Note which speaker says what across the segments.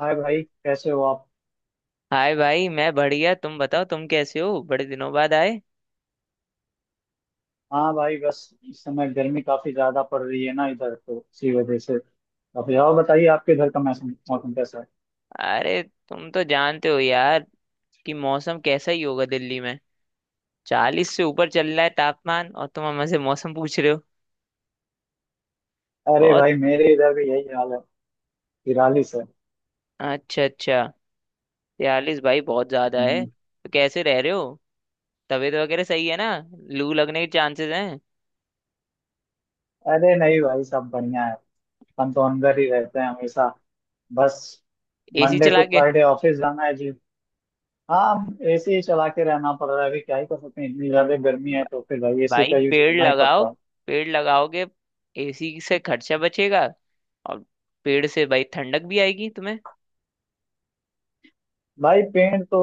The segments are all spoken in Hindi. Speaker 1: हाय भाई, कैसे हो आप?
Speaker 2: हाय भाई, मैं बढ़िया। तुम बताओ, तुम कैसे हो? बड़े दिनों बाद आए।
Speaker 1: हाँ भाई, बस। इस समय गर्मी काफी ज्यादा पड़ रही है ना इधर, तो इसी वजह से काफी। और बताइए, आपके इधर का मौसम मौसम कैसा है?
Speaker 2: अरे, तुम तो जानते हो यार कि मौसम कैसा ही होगा दिल्ली में। 40 से ऊपर चल रहा है तापमान, और तुम हमसे मौसम पूछ रहे हो।
Speaker 1: अरे
Speaker 2: बहुत।
Speaker 1: भाई, मेरे इधर भी यही हाल है। 43 है।
Speaker 2: अच्छा अच्छा, 42? भाई बहुत ज्यादा है,
Speaker 1: हम्म।
Speaker 2: तो कैसे रह रहे हो? तबीयत वगैरह सही है ना? लू लगने के चांसेस हैं।
Speaker 1: अरे नहीं भाई, सब बढ़िया है। हम तो अंदर ही रहते हैं हमेशा। बस,
Speaker 2: एसी
Speaker 1: मंडे टू
Speaker 2: चला के?
Speaker 1: फ्राइडे ऑफिस जाना है जी। हाँ, एसी ही चला के रहना पड़ रहा है। अभी क्या ही कर सकते हैं, इतनी ज्यादा गर्मी
Speaker 2: ब-
Speaker 1: है तो फिर भाई एसी
Speaker 2: भाई
Speaker 1: का यूज
Speaker 2: पेड़
Speaker 1: करना ही
Speaker 2: लगाओ।
Speaker 1: पड़ता है।
Speaker 2: पेड़ लगाओगे, एसी से खर्चा बचेगा। और पेड़ से भाई ठंडक भी आएगी तुम्हें।
Speaker 1: भाई पेड़ तो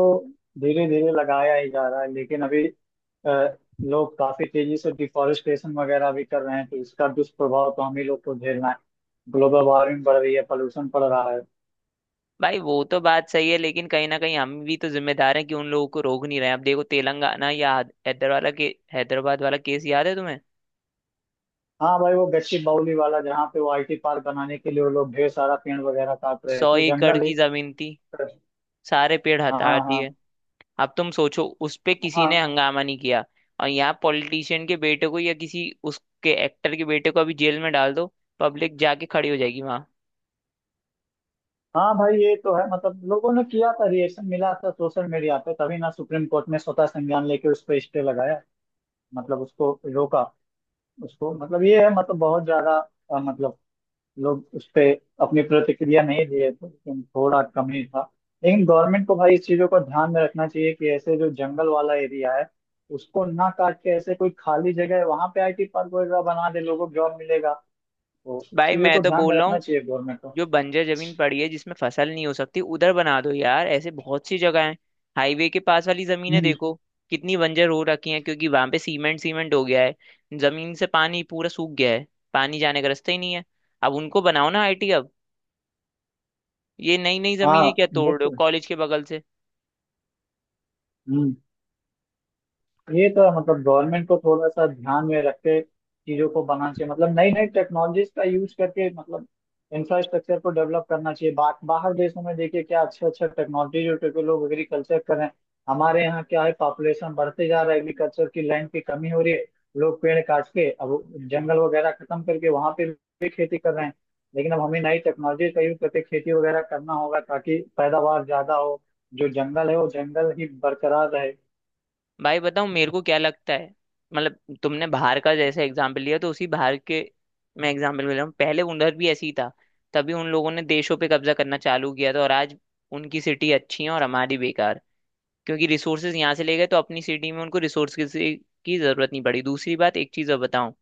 Speaker 1: धीरे धीरे लगाया ही जा रहा है, लेकिन अभी अ, लोग काफी तेजी से डिफॉरेस्टेशन वगैरह भी कर रहे हैं, तो इसका दुष्प्रभाव तो हम ही लोग को झेलना है। ग्लोबल वार्मिंग बढ़ रही है, पोल्यूशन बढ़ रहा है।
Speaker 2: भाई वो तो बात सही है, लेकिन कहीं ना कहीं हम भी तो जिम्मेदार हैं कि उन लोगों को रोक नहीं रहे हैं। अब देखो, तेलंगाना या हैदराबाद वाला के हैदराबाद वाला केस याद है तुम्हें?
Speaker 1: हाँ भाई, वो गच्ची बाउली वाला जहाँ पे वो आईटी पार्क बनाने के लिए वो लोग ढेर सारा पेड़ वगैरह काट रहे
Speaker 2: सौ
Speaker 1: थे,
Speaker 2: एकड़
Speaker 1: जंगल ही।
Speaker 2: की जमीन थी, सारे पेड़
Speaker 1: हाँ
Speaker 2: हटा
Speaker 1: हाँ।
Speaker 2: दिए। अब तुम सोचो, उस पे किसी ने
Speaker 1: हाँ।
Speaker 2: हंगामा नहीं किया। और यहाँ पॉलिटिशियन के बेटे को या किसी उसके एक्टर के बेटे को अभी जेल में डाल दो, पब्लिक जाके खड़ी हो जाएगी वहां।
Speaker 1: हाँ भाई ये तो है, मतलब लोगों ने किया था, रिएक्शन मिला था सोशल मीडिया पे, तभी ना सुप्रीम कोर्ट ने स्वतः संज्ञान लेके उस पर स्टे लगाया, मतलब उसको रोका। उसको मतलब ये है, मतलब बहुत ज्यादा मतलब लोग उस पे अपनी प्रतिक्रिया नहीं दिए थे, लेकिन थोड़ा कम ही था। लेकिन गवर्नमेंट को भाई इस चीजों को ध्यान में रखना चाहिए कि ऐसे जो जंगल वाला एरिया है उसको ना काट के, ऐसे कोई खाली जगह है वहां पे आईटी पार्क वगैरह बना दे, लोगों को जॉब मिलेगा। तो इस
Speaker 2: भाई
Speaker 1: चीजों
Speaker 2: मैं
Speaker 1: को
Speaker 2: तो
Speaker 1: ध्यान में
Speaker 2: बोल रहा
Speaker 1: रखना
Speaker 2: हूँ,
Speaker 1: चाहिए गवर्नमेंट को।
Speaker 2: जो बंजर जमीन पड़ी है जिसमें फसल नहीं हो सकती, उधर बना दो यार। ऐसे बहुत सी जगह है। हाईवे के पास वाली जमीनें
Speaker 1: हम्म।
Speaker 2: देखो, कितनी बंजर हो रखी हैं, क्योंकि वहां पे सीमेंट सीमेंट हो गया है। जमीन से पानी पूरा सूख गया है, पानी जाने का रास्ता ही नहीं है। अब उनको बनाओ ना आईटी। अब ये नई नई
Speaker 1: हाँ
Speaker 2: जमीनें क्या तोड़ रहे हो
Speaker 1: बिल्कुल।
Speaker 2: कॉलेज के बगल से?
Speaker 1: हम्म। ये तो है, मतलब गवर्नमेंट को थोड़ा सा ध्यान में रख के चीजों को बनाना चाहिए, मतलब नई नई टेक्नोलॉजीज का यूज करके, मतलब इंफ्रास्ट्रक्चर को डेवलप करना चाहिए। बाहर देशों में देखिए क्या अच्छा अच्छा टेक्नोलॉजी जो टेके लोग एग्रीकल्चर कर रहे हैं। हमारे यहाँ क्या है, पॉपुलेशन बढ़ते जा रहा है, एग्रीकल्चर की लैंड की कमी हो रही है। लोग पेड़ काट के अब जंगल वगैरह खत्म करके वहां पे भी खेती कर रहे हैं। लेकिन अब हमें नई टेक्नोलॉजी का यूज करके खेती वगैरह करना होगा, ताकि पैदावार ज्यादा हो, जो जंगल है वो जंगल ही बरकरार रहे।
Speaker 2: भाई बताओ मेरे को क्या लगता है। मतलब तुमने बाहर का जैसे एग्जाम्पल लिया, तो उसी बाहर के मैं एग्जाम्पल ले रहा हूँ। पहले उधर भी ऐसी ही था। तभी उन लोगों ने देशों पे कब्जा करना चालू किया था, और आज उनकी सिटी अच्छी है और हमारी बेकार। क्योंकि रिसोर्सेज यहाँ से ले गए, तो अपनी सिटी में उनको रिसोर्स की जरूरत नहीं पड़ी। दूसरी बात, एक चीज़ और बताऊं,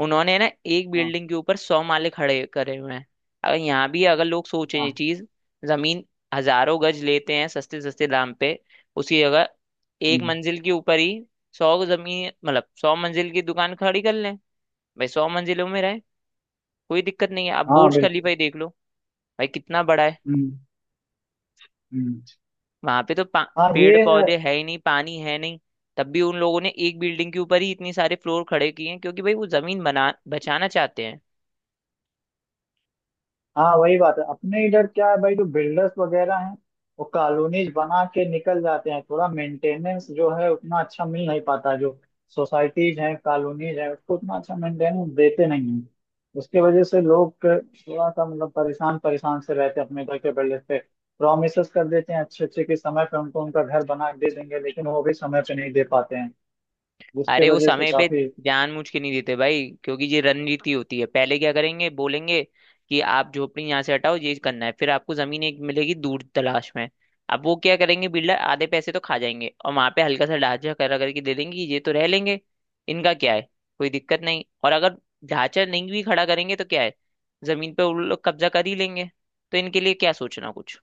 Speaker 2: उन्होंने ना एक
Speaker 1: हाँ।
Speaker 2: बिल्डिंग के ऊपर 100 माले खड़े करे हुए हैं। अगर यहाँ भी अगर लोग सोचें ये
Speaker 1: हाँ।
Speaker 2: चीज, जमीन हजारों गज लेते हैं सस्ते सस्ते दाम पे, उसी जगह एक
Speaker 1: हम्म,
Speaker 2: मंजिल के ऊपर ही सौ जमीन मतलब 100 मंजिल की दुकान खड़ी कर लें। भाई 100 मंजिलों में रहे, कोई दिक्कत नहीं है। आप
Speaker 1: हाँ
Speaker 2: बुर्ज खलीफा
Speaker 1: बिल्कुल।
Speaker 2: ही देख लो, भाई कितना बड़ा है।
Speaker 1: हम्म। हम्म।
Speaker 2: वहां पे तो
Speaker 1: हाँ
Speaker 2: पेड़
Speaker 1: ये है।
Speaker 2: पौधे है ही नहीं, पानी है नहीं। तब भी उन लोगों ने एक बिल्डिंग के ऊपर ही इतनी सारे फ्लोर खड़े किए हैं, क्योंकि भाई वो जमीन बना बचाना चाहते हैं।
Speaker 1: हाँ वही बात है, अपने इधर क्या है भाई, जो बिल्डर्स वगैरह हैं वो कॉलोनीज बना के निकल जाते हैं, थोड़ा मेंटेनेंस जो है उतना अच्छा मिल नहीं पाता। जो सोसाइटीज हैं, कॉलोनीज हैं, उसको उतना अच्छा मेंटेनेंस देते नहीं हैं। उसके वजह से लोग थोड़ा सा, मतलब परेशान परेशान से रहते हैं अपने इधर के बिल्डर्स पे। प्रोमिसेस कर देते हैं अच्छे अच्छे के, समय पे उनको उनका घर बना के दे देंगे, लेकिन वो भी समय पे नहीं दे पाते हैं। जिसके
Speaker 2: अरे वो
Speaker 1: वजह से
Speaker 2: समय पे
Speaker 1: काफी।
Speaker 2: जानबूझ के नहीं देते भाई, क्योंकि ये रणनीति होती है। पहले क्या करेंगे, बोलेंगे कि आप झोपड़ी यहाँ से हटाओ, ये करना है, फिर आपको जमीन एक मिलेगी दूर तलाश में। अब वो क्या करेंगे, बिल्डर आधे पैसे तो खा जाएंगे और वहां पे हल्का सा ढांचा करा करके दे देंगे कि ये तो रह लेंगे, इनका क्या है, कोई दिक्कत नहीं। और अगर ढांचा नहीं भी खड़ा करेंगे तो क्या है, जमीन पे उन लोग कब्जा कर ही लेंगे। तो इनके लिए क्या सोचना कुछ,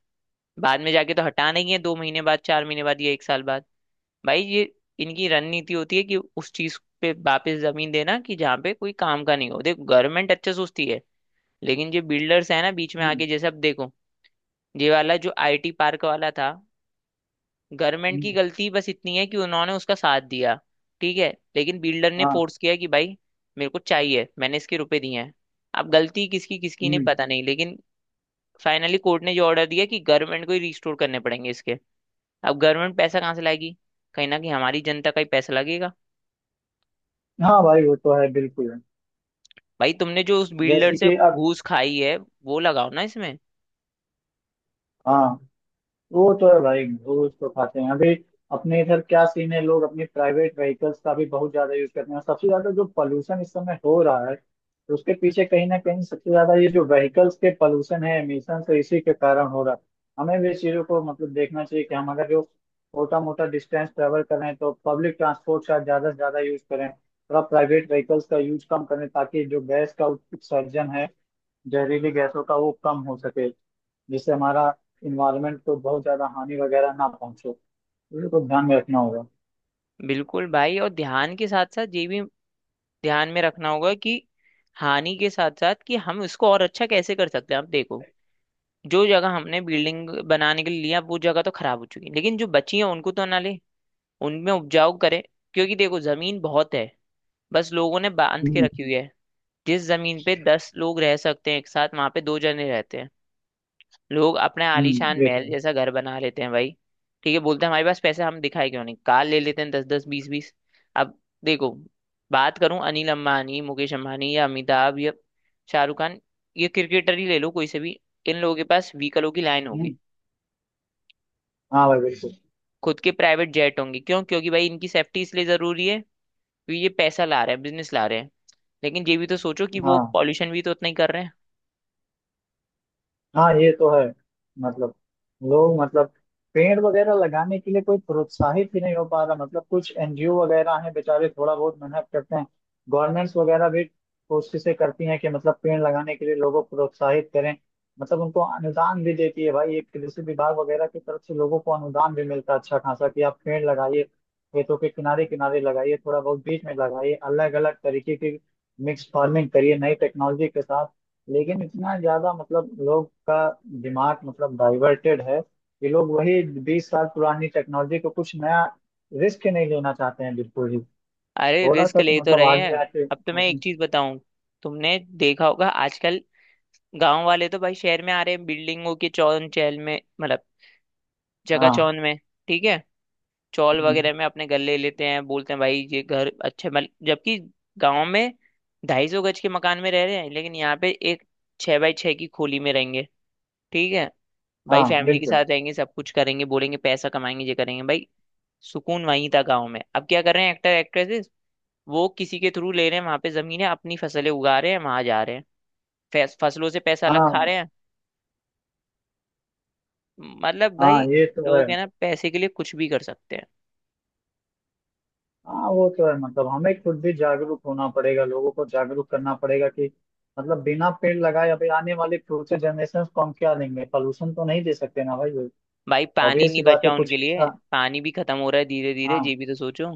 Speaker 2: बाद में जाके तो हटाना ही है, 2 महीने बाद, 4 महीने बाद, या एक साल बाद। भाई ये इनकी रणनीति होती है कि उस चीज पे वापस जमीन देना कि जहाँ पे कोई काम का नहीं हो। देखो गवर्नमेंट अच्छे सोचती है, लेकिन जो बिल्डर्स है ना बीच में
Speaker 1: हम्म,
Speaker 2: आके, जैसे अब देखो, ये वाला जो आईटी पार्क वाला था, गवर्नमेंट की
Speaker 1: हम्म,
Speaker 2: गलती बस इतनी है कि उन्होंने उसका साथ दिया, ठीक है। लेकिन बिल्डर ने
Speaker 1: हाँ।
Speaker 2: फोर्स किया कि भाई मेरे को चाहिए, मैंने इसके रुपए दिए हैं। अब गलती किसकी किसकी नहीं
Speaker 1: हम्म।
Speaker 2: पता नहीं, लेकिन फाइनली कोर्ट ने जो ऑर्डर दिया कि गवर्नमेंट को ही रिस्टोर करने पड़ेंगे इसके। अब गवर्नमेंट पैसा कहाँ से लाएगी, कहीं ना कहीं हमारी जनता का ही पैसा लगेगा।
Speaker 1: हाँ भाई, वो तो है बिल्कुल।
Speaker 2: भाई तुमने जो उस बिल्डर
Speaker 1: जैसे
Speaker 2: से
Speaker 1: कि अब।
Speaker 2: घूस खाई है, वो लगाओ ना इसमें।
Speaker 1: हाँ वो तो है भाई, घूस तो खाते हैं अभी। अपने इधर क्या सीन है, लोग अपने प्राइवेट व्हीकल्स का भी बहुत ज्यादा यूज करते हैं। सबसे ज्यादा जो पोल्यूशन इस समय हो रहा है, तो उसके पीछे कहीं ना कहीं सबसे ज्यादा ये जो व्हीकल्स के पोल्यूशन है, एमिशन है, इसी के कारण हो रहा है। हमें भी इस चीजों को, मतलब देखना चाहिए कि हम अगर जो छोटा मोटा डिस्टेंस ट्रेवल कर रहे हैं, तो पब्लिक ट्रांसपोर्ट का ज्यादा से ज्यादा यूज करें, थोड़ा प्राइवेट व्हीकल्स का यूज कम करें, ताकि जो गैस का उत्सर्जन है, जहरीली गैसों का, वो कम हो सके, जिससे हमारा इन्वायरमेंट को बहुत ज्यादा हानि वगैरह ना पहुंचे। ये तो ध्यान में रखना होगा।
Speaker 2: बिल्कुल भाई, और ध्यान के साथ साथ ये भी ध्यान में रखना होगा कि हानि के साथ साथ कि हम इसको और अच्छा कैसे कर सकते हैं। आप देखो, जो जगह हमने बिल्डिंग बनाने के लिए लिया वो जगह तो खराब हो चुकी है, लेकिन जो बची है उनको तो ना ले, उनमें उपजाऊ करें। क्योंकि देखो जमीन बहुत है, बस लोगों ने बांध के
Speaker 1: हम्म।
Speaker 2: रखी हुई है। जिस जमीन पे 10 लोग रह सकते हैं एक साथ, वहां पे दो जने रहते हैं। लोग अपने आलीशान महल
Speaker 1: देखिए।
Speaker 2: जैसा घर बना लेते हैं भाई। ठीक है, बोलते हैं हमारे पास पैसे, हम दिखाए क्यों नहीं, कार ले लेते हैं दस दस बीस बीस। अब देखो, बात करूं अनिल अंबानी, मुकेश अंबानी या अमिताभ या शाहरुख खान, ये क्रिकेटर ही ले लो कोई से भी, इन लोगों के पास व्हीकलों की लाइन होगी।
Speaker 1: हम्म। हाँ भाई बिल्कुल।
Speaker 2: खुद के प्राइवेट जेट होंगे, क्यों? क्योंकि भाई इनकी सेफ्टी इसलिए जरूरी है, क्योंकि ये पैसा ला रहे हैं, बिजनेस ला रहे हैं। लेकिन ये भी तो सोचो कि वो
Speaker 1: हाँ।
Speaker 2: पॉल्यूशन भी तो उतना ही कर रहे हैं।
Speaker 1: हाँ ये तो है, मतलब लोग, मतलब पेड़ वगैरह लगाने के लिए कोई प्रोत्साहित ही नहीं हो पा रहा, मतलब कुछ एनजीओ वगैरह हैं बेचारे, थोड़ा बहुत मेहनत करते हैं। गवर्नमेंट्स वगैरह भी कोशिशें करती हैं कि मतलब पेड़ लगाने के लिए लोगों को प्रोत्साहित करें, मतलब उनको अनुदान भी देती है भाई। एक कृषि विभाग वगैरह की तरफ से लोगों को अनुदान भी मिलता है अच्छा खासा, कि आप पेड़ लगाइए, खेतों के किनारे किनारे लगाइए, थोड़ा बहुत बीच में लगाइए, अलग अलग तरीके की मिक्स फार्मिंग करिए नई टेक्नोलॉजी के साथ। लेकिन इतना ज्यादा, मतलब लोग का दिमाग, मतलब डाइवर्टेड है कि लोग वही 20 साल पुरानी टेक्नोलॉजी को, कुछ नया रिस्क नहीं लेना चाहते हैं बिल्कुल ही।
Speaker 2: अरे
Speaker 1: थोड़ा
Speaker 2: रिस्क
Speaker 1: सा तो
Speaker 2: ले तो
Speaker 1: मतलब
Speaker 2: रहे
Speaker 1: आगे
Speaker 2: हैं।
Speaker 1: आके
Speaker 2: अब तो मैं
Speaker 1: सोचें।
Speaker 2: एक चीज बताऊं, तुमने देखा होगा आजकल गांव वाले तो भाई शहर में आ रहे हैं बिल्डिंगों के चौन चहल में, मतलब जगह
Speaker 1: हाँ।
Speaker 2: चौन में, ठीक है, चौल
Speaker 1: हम्म,
Speaker 2: वगैरह में अपने गले लेते हैं, बोलते हैं भाई ये घर अच्छे बन, जबकि गांव में 250 गज के मकान में रह रहे हैं, लेकिन यहाँ पे एक 6x6 की खोली में रहेंगे, ठीक है, भाई
Speaker 1: हाँ
Speaker 2: फैमिली के
Speaker 1: बिल्कुल।
Speaker 2: साथ रहेंगे, सब कुछ करेंगे, बोलेंगे पैसा कमाएंगे, ये करेंगे। भाई सुकून वहीं था गांव में। अब क्या कर रहे हैं एक्टर एक्ट्रेसेस, वो किसी के थ्रू ले रहे हैं, वहां पे जमीन है, अपनी फसलें उगा रहे हैं, वहां जा रहे हैं, फसलों से पैसा अलग खा
Speaker 1: हाँ।
Speaker 2: रहे हैं। मतलब भाई,
Speaker 1: हाँ ये तो है।
Speaker 2: लोग है ना पैसे के लिए कुछ भी कर सकते हैं।
Speaker 1: हाँ वो तो है, मतलब हमें खुद भी जागरूक होना पड़ेगा, लोगों को जागरूक करना पड़ेगा कि मतलब बिना पेड़ लगाए अभी आने वाले फ्यूचर जनरेशन को हम क्या देंगे? पॉल्यूशन तो नहीं दे सकते ना भाई।
Speaker 2: भाई पानी
Speaker 1: ऑब्वियस
Speaker 2: नहीं
Speaker 1: सी बात है,
Speaker 2: बचा
Speaker 1: कुछ
Speaker 2: उनके लिए,
Speaker 1: अच्छा।
Speaker 2: पानी भी खत्म हो रहा है धीरे धीरे,
Speaker 1: हाँ।
Speaker 2: ये भी तो सोचो।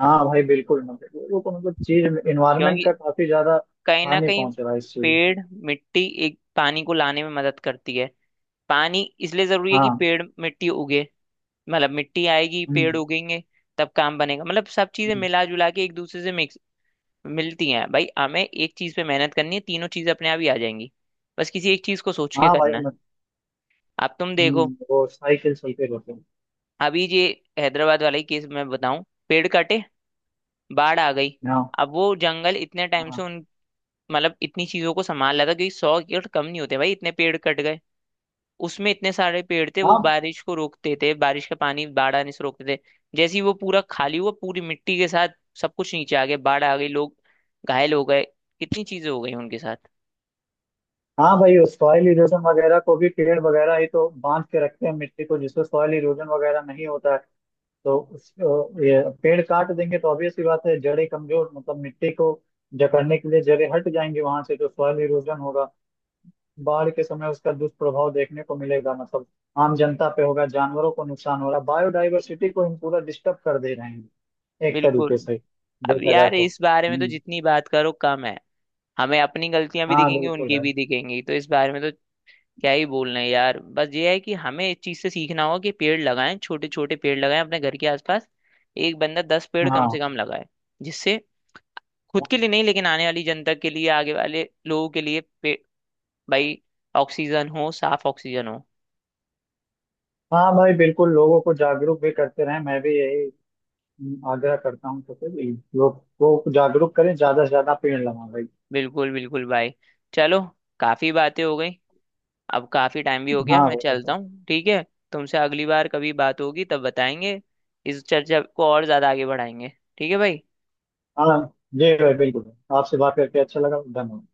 Speaker 1: हाँ भाई बिल्कुल, मतलब लोगों को, मतलब चीज, इन्वायरमेंट
Speaker 2: क्योंकि
Speaker 1: का काफी ज्यादा
Speaker 2: कहीं ना
Speaker 1: हानि
Speaker 2: कहीं
Speaker 1: पहुंच रहा है इस चीज की।
Speaker 2: पेड़ मिट्टी एक पानी को लाने में मदद करती है। पानी इसलिए जरूरी है कि
Speaker 1: हाँ।
Speaker 2: पेड़ मिट्टी उगे, मतलब मिट्टी आएगी पेड़
Speaker 1: हम्म।
Speaker 2: उगेंगे, तब काम बनेगा। मतलब सब चीजें
Speaker 1: हम्म।
Speaker 2: मिला जुला के एक दूसरे से मिक्स मिलती हैं भाई। हमें एक चीज पे मेहनत करनी है, तीनों चीजें अपने आप ही आ जाएंगी, बस किसी एक चीज को सोच के
Speaker 1: हाँ भाई
Speaker 2: करना है।
Speaker 1: मत।
Speaker 2: अब तुम देखो,
Speaker 1: वो साइकिल चलते रहते हैं।
Speaker 2: अभी ये हैदराबाद वाला ही केस मैं बताऊं, पेड़ कटे, बाढ़ आ गई।
Speaker 1: हाँ।
Speaker 2: अब वो जंगल इतने टाइम
Speaker 1: हाँ।
Speaker 2: से उन मतलब इतनी चीजों को संभाल रहा था, क्योंकि 100 एकड़ कम नहीं होते भाई, इतने पेड़ कट गए। उसमें इतने सारे पेड़ थे, वो
Speaker 1: हाँ।
Speaker 2: बारिश को रोकते थे, बारिश का पानी बाढ़ आने से रोकते थे। जैसे ही वो पूरा खाली हुआ, पूरी मिट्टी के साथ सब कुछ नीचे आ गया, बाढ़ आ गई, लोग घायल हो गए, कितनी चीजें हो गई उनके साथ।
Speaker 1: हाँ भाई, सॉइल इरोजन वगैरह को भी पेड़ वगैरह ही तो बांध के रखते हैं मिट्टी को, जिससे सॉइल इरोजन वगैरह नहीं होता है। तो उस ये पेड़ काट देंगे तो ऑब्वियस सी बात है, जड़ें कमजोर, मतलब मिट्टी को जकड़ने के लिए जड़ें हट जाएंगी वहां से, तो सॉइल इरोजन होगा। बाढ़ के समय उसका दुष्प्रभाव देखने को मिलेगा, मतलब आम जनता पे होगा। जानवरों को नुकसान हो रहा है, बायोडाइवर्सिटी को हम पूरा डिस्टर्ब कर दे रहे हैं एक
Speaker 2: बिल्कुल।
Speaker 1: तरीके से
Speaker 2: अब
Speaker 1: देखा जाए
Speaker 2: यार
Speaker 1: तो।
Speaker 2: इस बारे में तो
Speaker 1: हम्म।
Speaker 2: जितनी बात करो कम है, हमें अपनी गलतियां भी
Speaker 1: हाँ
Speaker 2: दिखेंगी,
Speaker 1: बिल्कुल
Speaker 2: उनकी
Speaker 1: है।
Speaker 2: भी दिखेंगी, तो इस बारे में तो क्या ही बोलना है यार। बस ये है कि हमें इस चीज से सीखना होगा कि पेड़ लगाएं, छोटे छोटे पेड़ लगाएं अपने घर के आसपास, एक बंदा 10 पेड़ कम से
Speaker 1: हाँ।
Speaker 2: कम लगाए, जिससे खुद के लिए नहीं, लेकिन आने वाली जनता के लिए, आगे वाले लोगों के लिए, भाई ऑक्सीजन हो, साफ ऑक्सीजन हो।
Speaker 1: हाँ भाई बिल्कुल, लोगों को जागरूक भी करते रहें, मैं भी यही आग्रह करता हूँ। तो भी लोग को जागरूक करें, ज्यादा से ज्यादा पेड़ लगाएं भाई।
Speaker 2: बिल्कुल बिल्कुल भाई। चलो, काफी बातें हो गई, अब काफी टाइम भी हो गया,
Speaker 1: हाँ
Speaker 2: मैं
Speaker 1: भाई
Speaker 2: चलता
Speaker 1: बिल्कुल।
Speaker 2: हूँ ठीक है। तुमसे अगली बार कभी बात होगी तब बताएंगे, इस चर्चा को और ज्यादा आगे बढ़ाएंगे। ठीक है भाई।
Speaker 1: हाँ। जी भाई बिल्कुल, आपसे बात करके अच्छा लगा, धन्यवाद।